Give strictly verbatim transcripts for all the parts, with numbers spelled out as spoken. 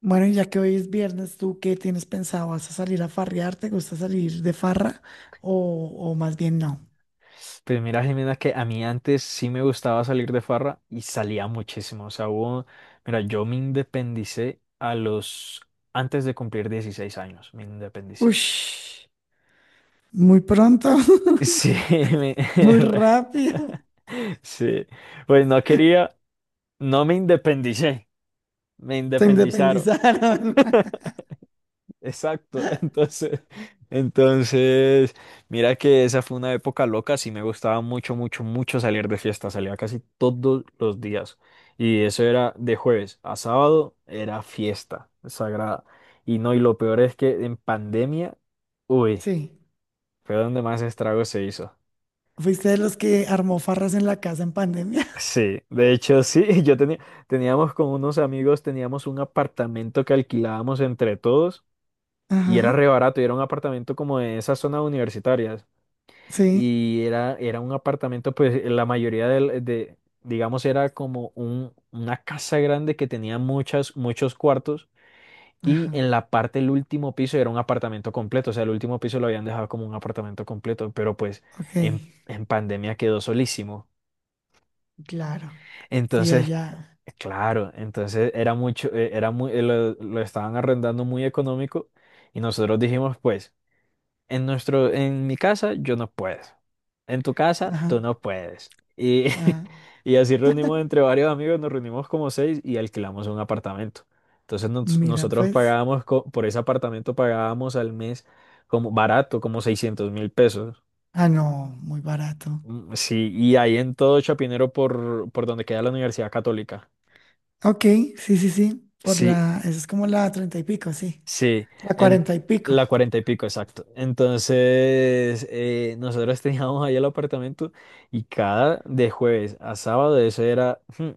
Bueno, y ya que hoy es viernes, ¿tú qué tienes pensado? ¿Vas a salir a farrear? ¿Te gusta salir de farra? ¿O, o más bien no? Pues mira, Jimena, que a mí antes sí me gustaba salir de farra y salía muchísimo. O sea, hubo, mira, yo me independicé a los, antes de cumplir dieciséis años, me independicé. Ush, muy pronto, Sí, me- muy rápido. sí, pues no quería, no me independicé, me Se independizaron. independizaron. Exacto, entonces, entonces, mira que esa fue una época loca, sí me gustaba mucho, mucho, mucho salir de fiesta, salía casi todos los días y eso era de jueves a sábado, era fiesta sagrada y no, y lo peor es que en pandemia, uy, Sí. fue donde más estrago se hizo. ¿Fuiste de los que armó farras en la casa en pandemia? Sí, de hecho sí, yo tenía, teníamos con unos amigos, teníamos un apartamento que alquilábamos entre todos y era Ajá. re barato y era un apartamento como de esas zonas universitarias. Sí. y era, era un apartamento, pues eh, la mayoría del- de, digamos, era como un, una casa grande que tenía muchas, muchos cuartos y en Ajá. la parte del último piso era un apartamento completo, o sea, el último piso lo habían dejado como un apartamento completo, pero pues Ok. en, en pandemia quedó solísimo. Claro. Y Entonces, allá. claro, entonces era mucho, eh, era muy, eh, lo, lo estaban arrendando muy económico y nosotros dijimos, pues. En nuestro, en mi casa yo no puedo. En tu casa Ajá. tú no puedes. Y, Ajá. y así reunimos entre varios amigos, nos reunimos como seis y alquilamos un apartamento. Entonces nos- Mira, nosotros pues. pagábamos, co- por ese apartamento pagábamos al mes como barato, como seiscientos mil pesos. Ah, no, muy barato. Mm, sí, y ahí en todo Chapinero por, por donde queda la Universidad Católica. Ok, sí, sí, sí. Por Sí, la, eso es como la treinta y pico, sí. sí, La en cuarenta y pico. la cuarenta y pico, exacto. Entonces, eh, nosotros teníamos ahí el apartamento y cada de jueves a sábado eso era mm,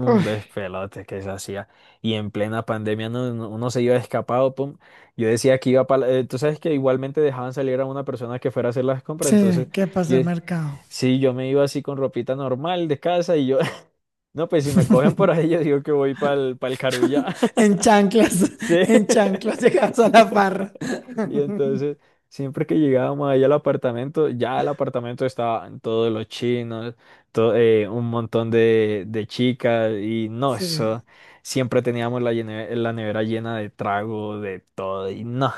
un Uy, despelote que se hacía. Y en plena pandemia no- no- uno se iba escapado, pum. Yo decía que iba para. Tú sabes que igualmente dejaban salir a una persona que fuera a hacer las compras, entonces sí, ¿qué pasa yo. el mercado? Sí, yo me iba así con ropita normal de casa y yo, no, pues si me cogen por ahí, yo digo que voy para el, para el Carulla. En chanclas, Sí. en chanclas llegas a la farra. Y entonces, siempre que llegábamos allá al apartamento, ya el apartamento estaban todos los chinos, to- eh, un montón de, de chicas, y no, eso. Sí. Siempre teníamos la, llene- la nevera llena de trago, de todo, y no.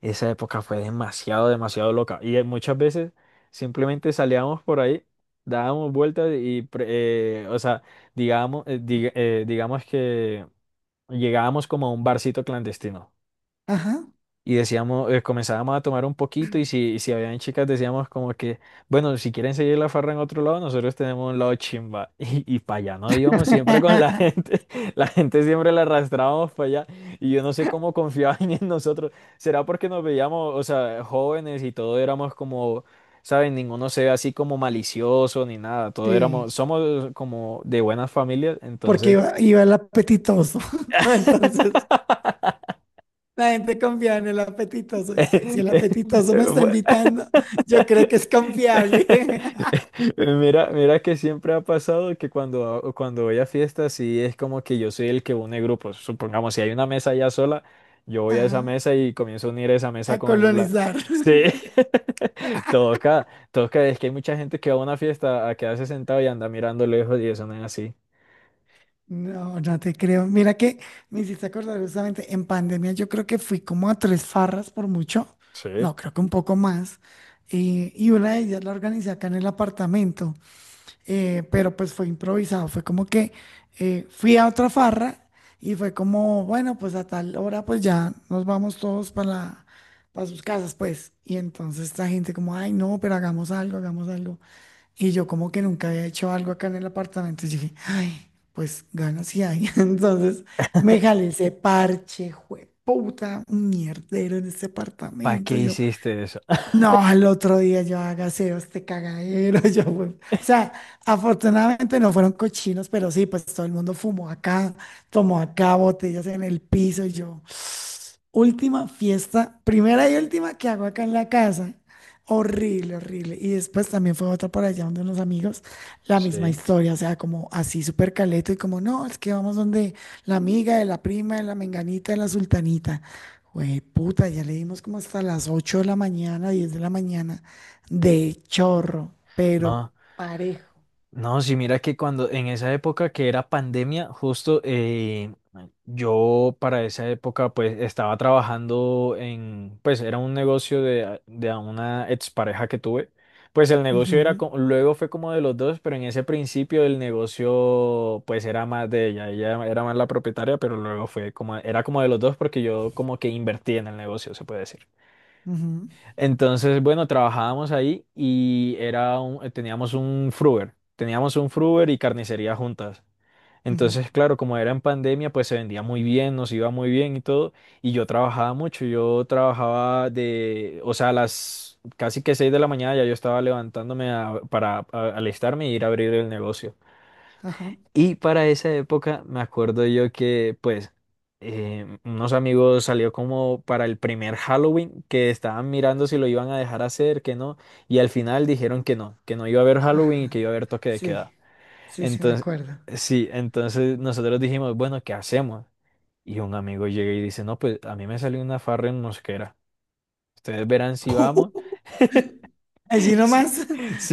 Esa época fue demasiado, demasiado loca. Y eh, muchas veces simplemente salíamos por ahí, dábamos vueltas y, pre- eh, o sea, digamos, eh, diga- eh, digamos que llegábamos como a un barcito clandestino Ajá. y decíamos, eh, comenzábamos a tomar un poquito y si, y si habían chicas decíamos como que, bueno, si quieren seguir la farra en otro lado, nosotros tenemos un lado chimba y, y para allá no íbamos siempre con la gente, la gente siempre la arrastrábamos para allá y yo no sé cómo confiaban en nosotros, será porque nos veíamos, o sea, jóvenes y todo éramos como, saben, ninguno se ve así como malicioso ni nada, todo éramos, Sí. somos como de buenas familias, Porque entonces. iba, iba el apetitoso. Entonces, la gente confía en el apetitoso. Es que si el apetitoso me está fue, invitando, yo creo que es confiable. Mira, mira que siempre ha pasado que cuando, cuando voy a fiestas, sí es como que yo soy el que une grupos. Supongamos, si hay una mesa ya sola, yo voy a esa Ajá. mesa y comienzo a unir esa A mesa con la. colonizar. Sí, toca, toca, es que hay mucha gente que va a una fiesta a quedarse sentado y anda mirando lejos y eso no es así. No, no te creo. Mira que me hiciste acordar justamente en pandemia, yo creo que fui como a tres farras por mucho, Sí. no, creo que un poco más. Y y una de ellas la organicé acá en el apartamento, eh, pero pues fue improvisado, fue como que eh, fui a otra farra y fue como, bueno, pues a tal hora pues ya nos vamos todos para la- para sus casas, pues. Y entonces esta gente como, ay, no, pero hagamos algo, hagamos algo. Y yo como que nunca había hecho algo acá en el apartamento. Y dije, ay, pues ganas y hay. Entonces me jalé ese parche, jueputa, un mierdero en este ¿Para qué apartamento. Yo, hiciste eso? no, al otro día yo hágase este cagadero. Yo, pues, o sea, afortunadamente no fueron cochinos, pero sí, pues todo el mundo fumó acá, tomó acá botellas en el piso. Y yo, última fiesta, primera y última que hago acá en la casa. Horrible, horrible. Y después también fue otra por allá donde unos amigos, la misma Sí. historia, o sea, como así súper caleto y como, no, es que vamos donde la amiga de la prima, de la menganita, de la sultanita. Güey, puta, ya le dimos como hasta las ocho de la mañana, diez de la mañana, de chorro, pero No. parejo. No, sí, mira que cuando en esa época que era pandemia, justo eh, yo para esa época pues estaba trabajando en, pues era un negocio de, de a una expareja que tuve. Pues el negocio era, Ujú, co- luego fue como de los dos, pero en ese principio el negocio pues era más de ella, ella era más la propietaria, pero luego fue como, era como de los dos porque yo como que invertí en el negocio, se puede decir. ujú, Entonces, bueno, trabajábamos ahí y era un- eh, teníamos un fruver, teníamos un fruver y carnicería juntas. ujú. Entonces, claro, como era en pandemia, pues se vendía muy bien, nos iba muy bien y todo. Y yo trabajaba mucho, yo trabajaba de, o sea, a las casi que seis de la mañana ya yo estaba levantándome a- para a- alistarme y ir a abrir el negocio. Ajá, Y para esa época me acuerdo yo que pues eh, unos amigos salió como para el primer Halloween que estaban mirando si lo iban a dejar hacer, que no, y al final dijeron que no, que no iba a haber Halloween y que iba a ajá. haber toque de queda. Sí, sí, sí, me Entonces, acuerdo. sí, entonces nosotros dijimos, bueno, ¿qué hacemos? Y un amigo llega y dice, no, pues a mí me salió una farra en Mosquera, ustedes verán si vamos. Allí Sí, nomás.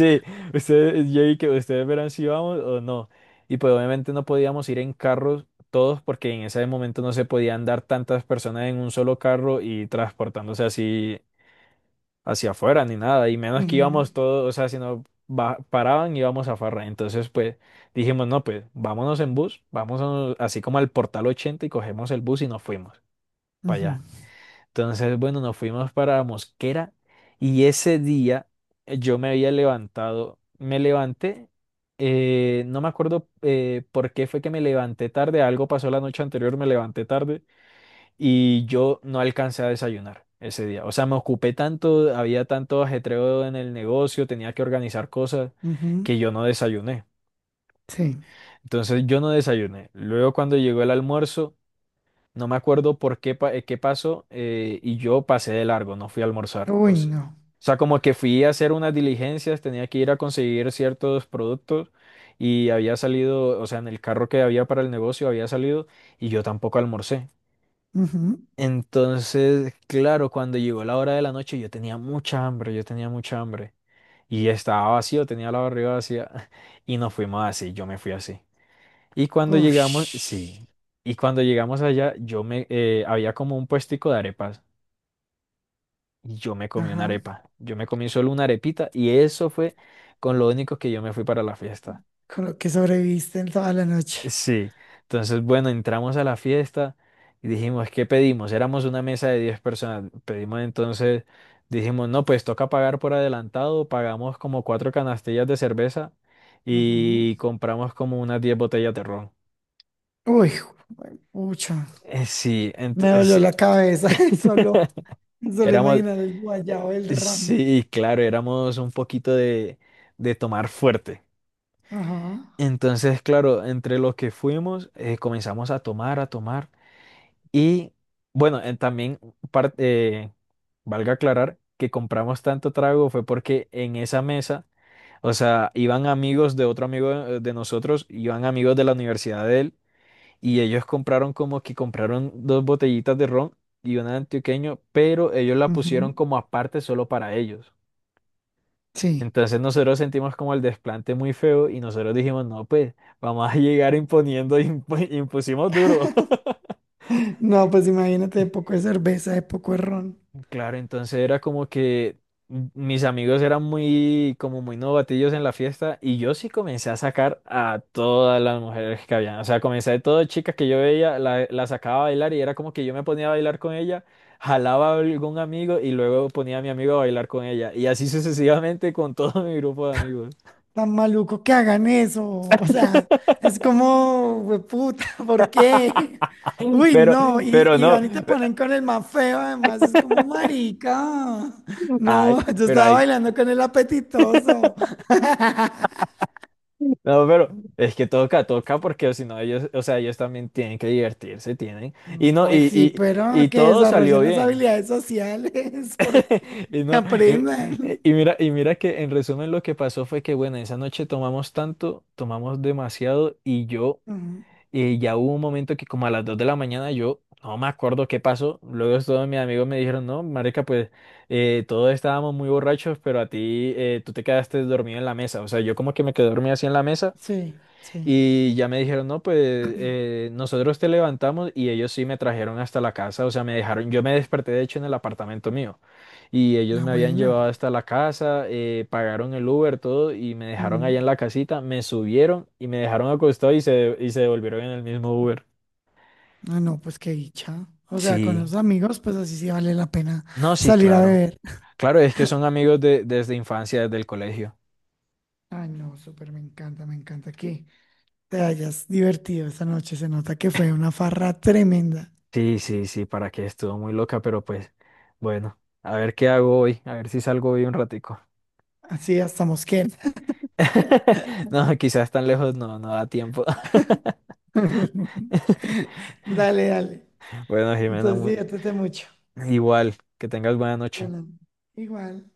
ustedes, yo vi que ustedes verán si íbamos o no. Y pues obviamente no podíamos ir en carros todos porque en ese momento no se podían dar tantas personas en un solo carro y transportándose así hacia afuera ni nada. Y menos que Ujú, íbamos todos, o sea, si no ba- paraban íbamos a farra. Entonces pues dijimos, no, pues vámonos en bus, vámonos así como al Portal ochenta y cogemos el bus y nos fuimos para ujú, allá. Entonces, bueno, nos fuimos para Mosquera y ese día eh, yo me había levantado, me levanté, eh, no me acuerdo eh, por qué fue que me levanté tarde, algo pasó la noche anterior, me levanté tarde y yo no alcancé a desayunar ese día. O sea, me ocupé tanto, había tanto ajetreo en el negocio, tenía que organizar cosas ujú. que yo no desayuné. Sí. Entonces, yo no desayuné. Luego, cuando llegó el almuerzo, no me acuerdo por qué, pa- eh, qué pasó eh, y yo pasé de largo, no fui a almorzar. Uy, O sea, no. o sea, como que fui a hacer unas diligencias, tenía que ir a conseguir ciertos productos y había salido, o sea, en el carro que había para el negocio había salido y yo tampoco almorcé. Ujú. Entonces, claro, cuando llegó la hora de la noche yo tenía mucha hambre, yo tenía mucha hambre y estaba vacío, tenía la barriga vacía y nos fuimos así, yo me fui así. Y cuando llegamos, Ush. sí, y cuando llegamos allá, yo me, eh, había como un puestico de arepas y yo me comí una Ajá. arepa. Yo me comí solo una arepita y eso fue con lo único que yo me fui para la fiesta. Con lo que sobreviviste en toda la noche. Sí, entonces bueno, entramos a la fiesta y dijimos, ¿qué pedimos? Éramos una mesa de diez personas. Pedimos entonces, dijimos, no, pues toca pagar por adelantado, pagamos como cuatro canastillas de cerveza Ujú. y compramos como unas diez botellas de ron. Uy, jue- pucha. Eh, Sí, Me dolió entonces. la cabeza. Solo, solo Éramos, imaginar el Eh, guayabo, el ron. Sí, claro, éramos un poquito de, de tomar fuerte. Ajá. Entonces, claro, entre los que fuimos, eh, comenzamos a tomar, a tomar. Y bueno, eh, también par- eh, valga aclarar que compramos tanto trago fue porque en esa mesa, o sea, iban amigos de otro amigo de, de nosotros, iban amigos de la universidad de él, y ellos compraron como que compraron dos botellitas de ron y una de antioqueño, pero ellos la Ujú. pusieron como aparte solo para ellos. Sí. Entonces nosotros sentimos como el desplante muy feo y nosotros dijimos, no, pues vamos a llegar imponiendo, y impu- impusimos duro. No, pues imagínate de poco de cerveza, de poco de ron. Claro, entonces era como que m- mis amigos eran muy, como muy novatillos en la fiesta y yo sí comencé a sacar a todas las mujeres que habían. O sea, comencé de todas chicas que yo veía, la, la sacaba a bailar y era como que yo me ponía a bailar con ella, jalaba a algún amigo y luego ponía a mi amigo a bailar con ella. Y así sucesivamente con todo mi grupo de amigos. Tan maluco que hagan eso. O sea, es como, puta, ¿por qué? Uy, Pero, no, y, pero y no. van y te ponen con el más feo, además, es como marica. Ay, No, yo pero estaba hay. bailando con el apetitoso. No, pero es que toca, toca, porque si no ellos, o sea, ellos también tienen que divertirse, tienen. Mm, Y no, Pues y, sí, y, pero y que todo salió desarrollen las bien. habilidades sociales, porque Y que no, y, aprendan. y mira, y mira que en resumen lo que pasó fue que, bueno, esa noche tomamos tanto, tomamos demasiado y yo. Mm. Y ya hubo un momento que como a las dos de la mañana yo no me acuerdo qué pasó. Luego todos mis amigos me dijeron, no, marica, pues eh, todos estábamos muy borrachos, pero a ti eh, tú te quedaste dormido en la mesa. O sea, yo como que me quedé dormido así en la mesa Sí, sí. y ya me dijeron, no, pues eh, nosotros te levantamos y ellos sí me trajeron hasta la casa, o sea, me dejaron, yo me desperté de hecho en el apartamento mío y ellos Ah, me habían bueno. llevado hasta la casa, eh, pagaron el Uber, todo y me dejaron allá Mm. en la casita, me subieron y me dejaron acostado y se, y se devolvieron en el mismo Uber. Ah, no, pues qué dicha. O sea, con Sí, los amigos, pues así sí vale la pena no, sí, salir a claro. beber. Claro, es que son amigos de, desde infancia, desde el colegio. Ay, no, súper, me encanta, me encanta que te hayas divertido esta noche. Se nota que fue una farra tremenda. Sí, sí, sí, para que estuvo muy loca, pero pues bueno, a ver qué hago hoy, a ver si salgo hoy un ratico. Así hasta Mosquera. No, quizás tan lejos no, no da tiempo. Dale, dale. Bueno, Jimena, Entonces, muy- diviértete mucho. igual, que tengas buena noche. Bueno, igual.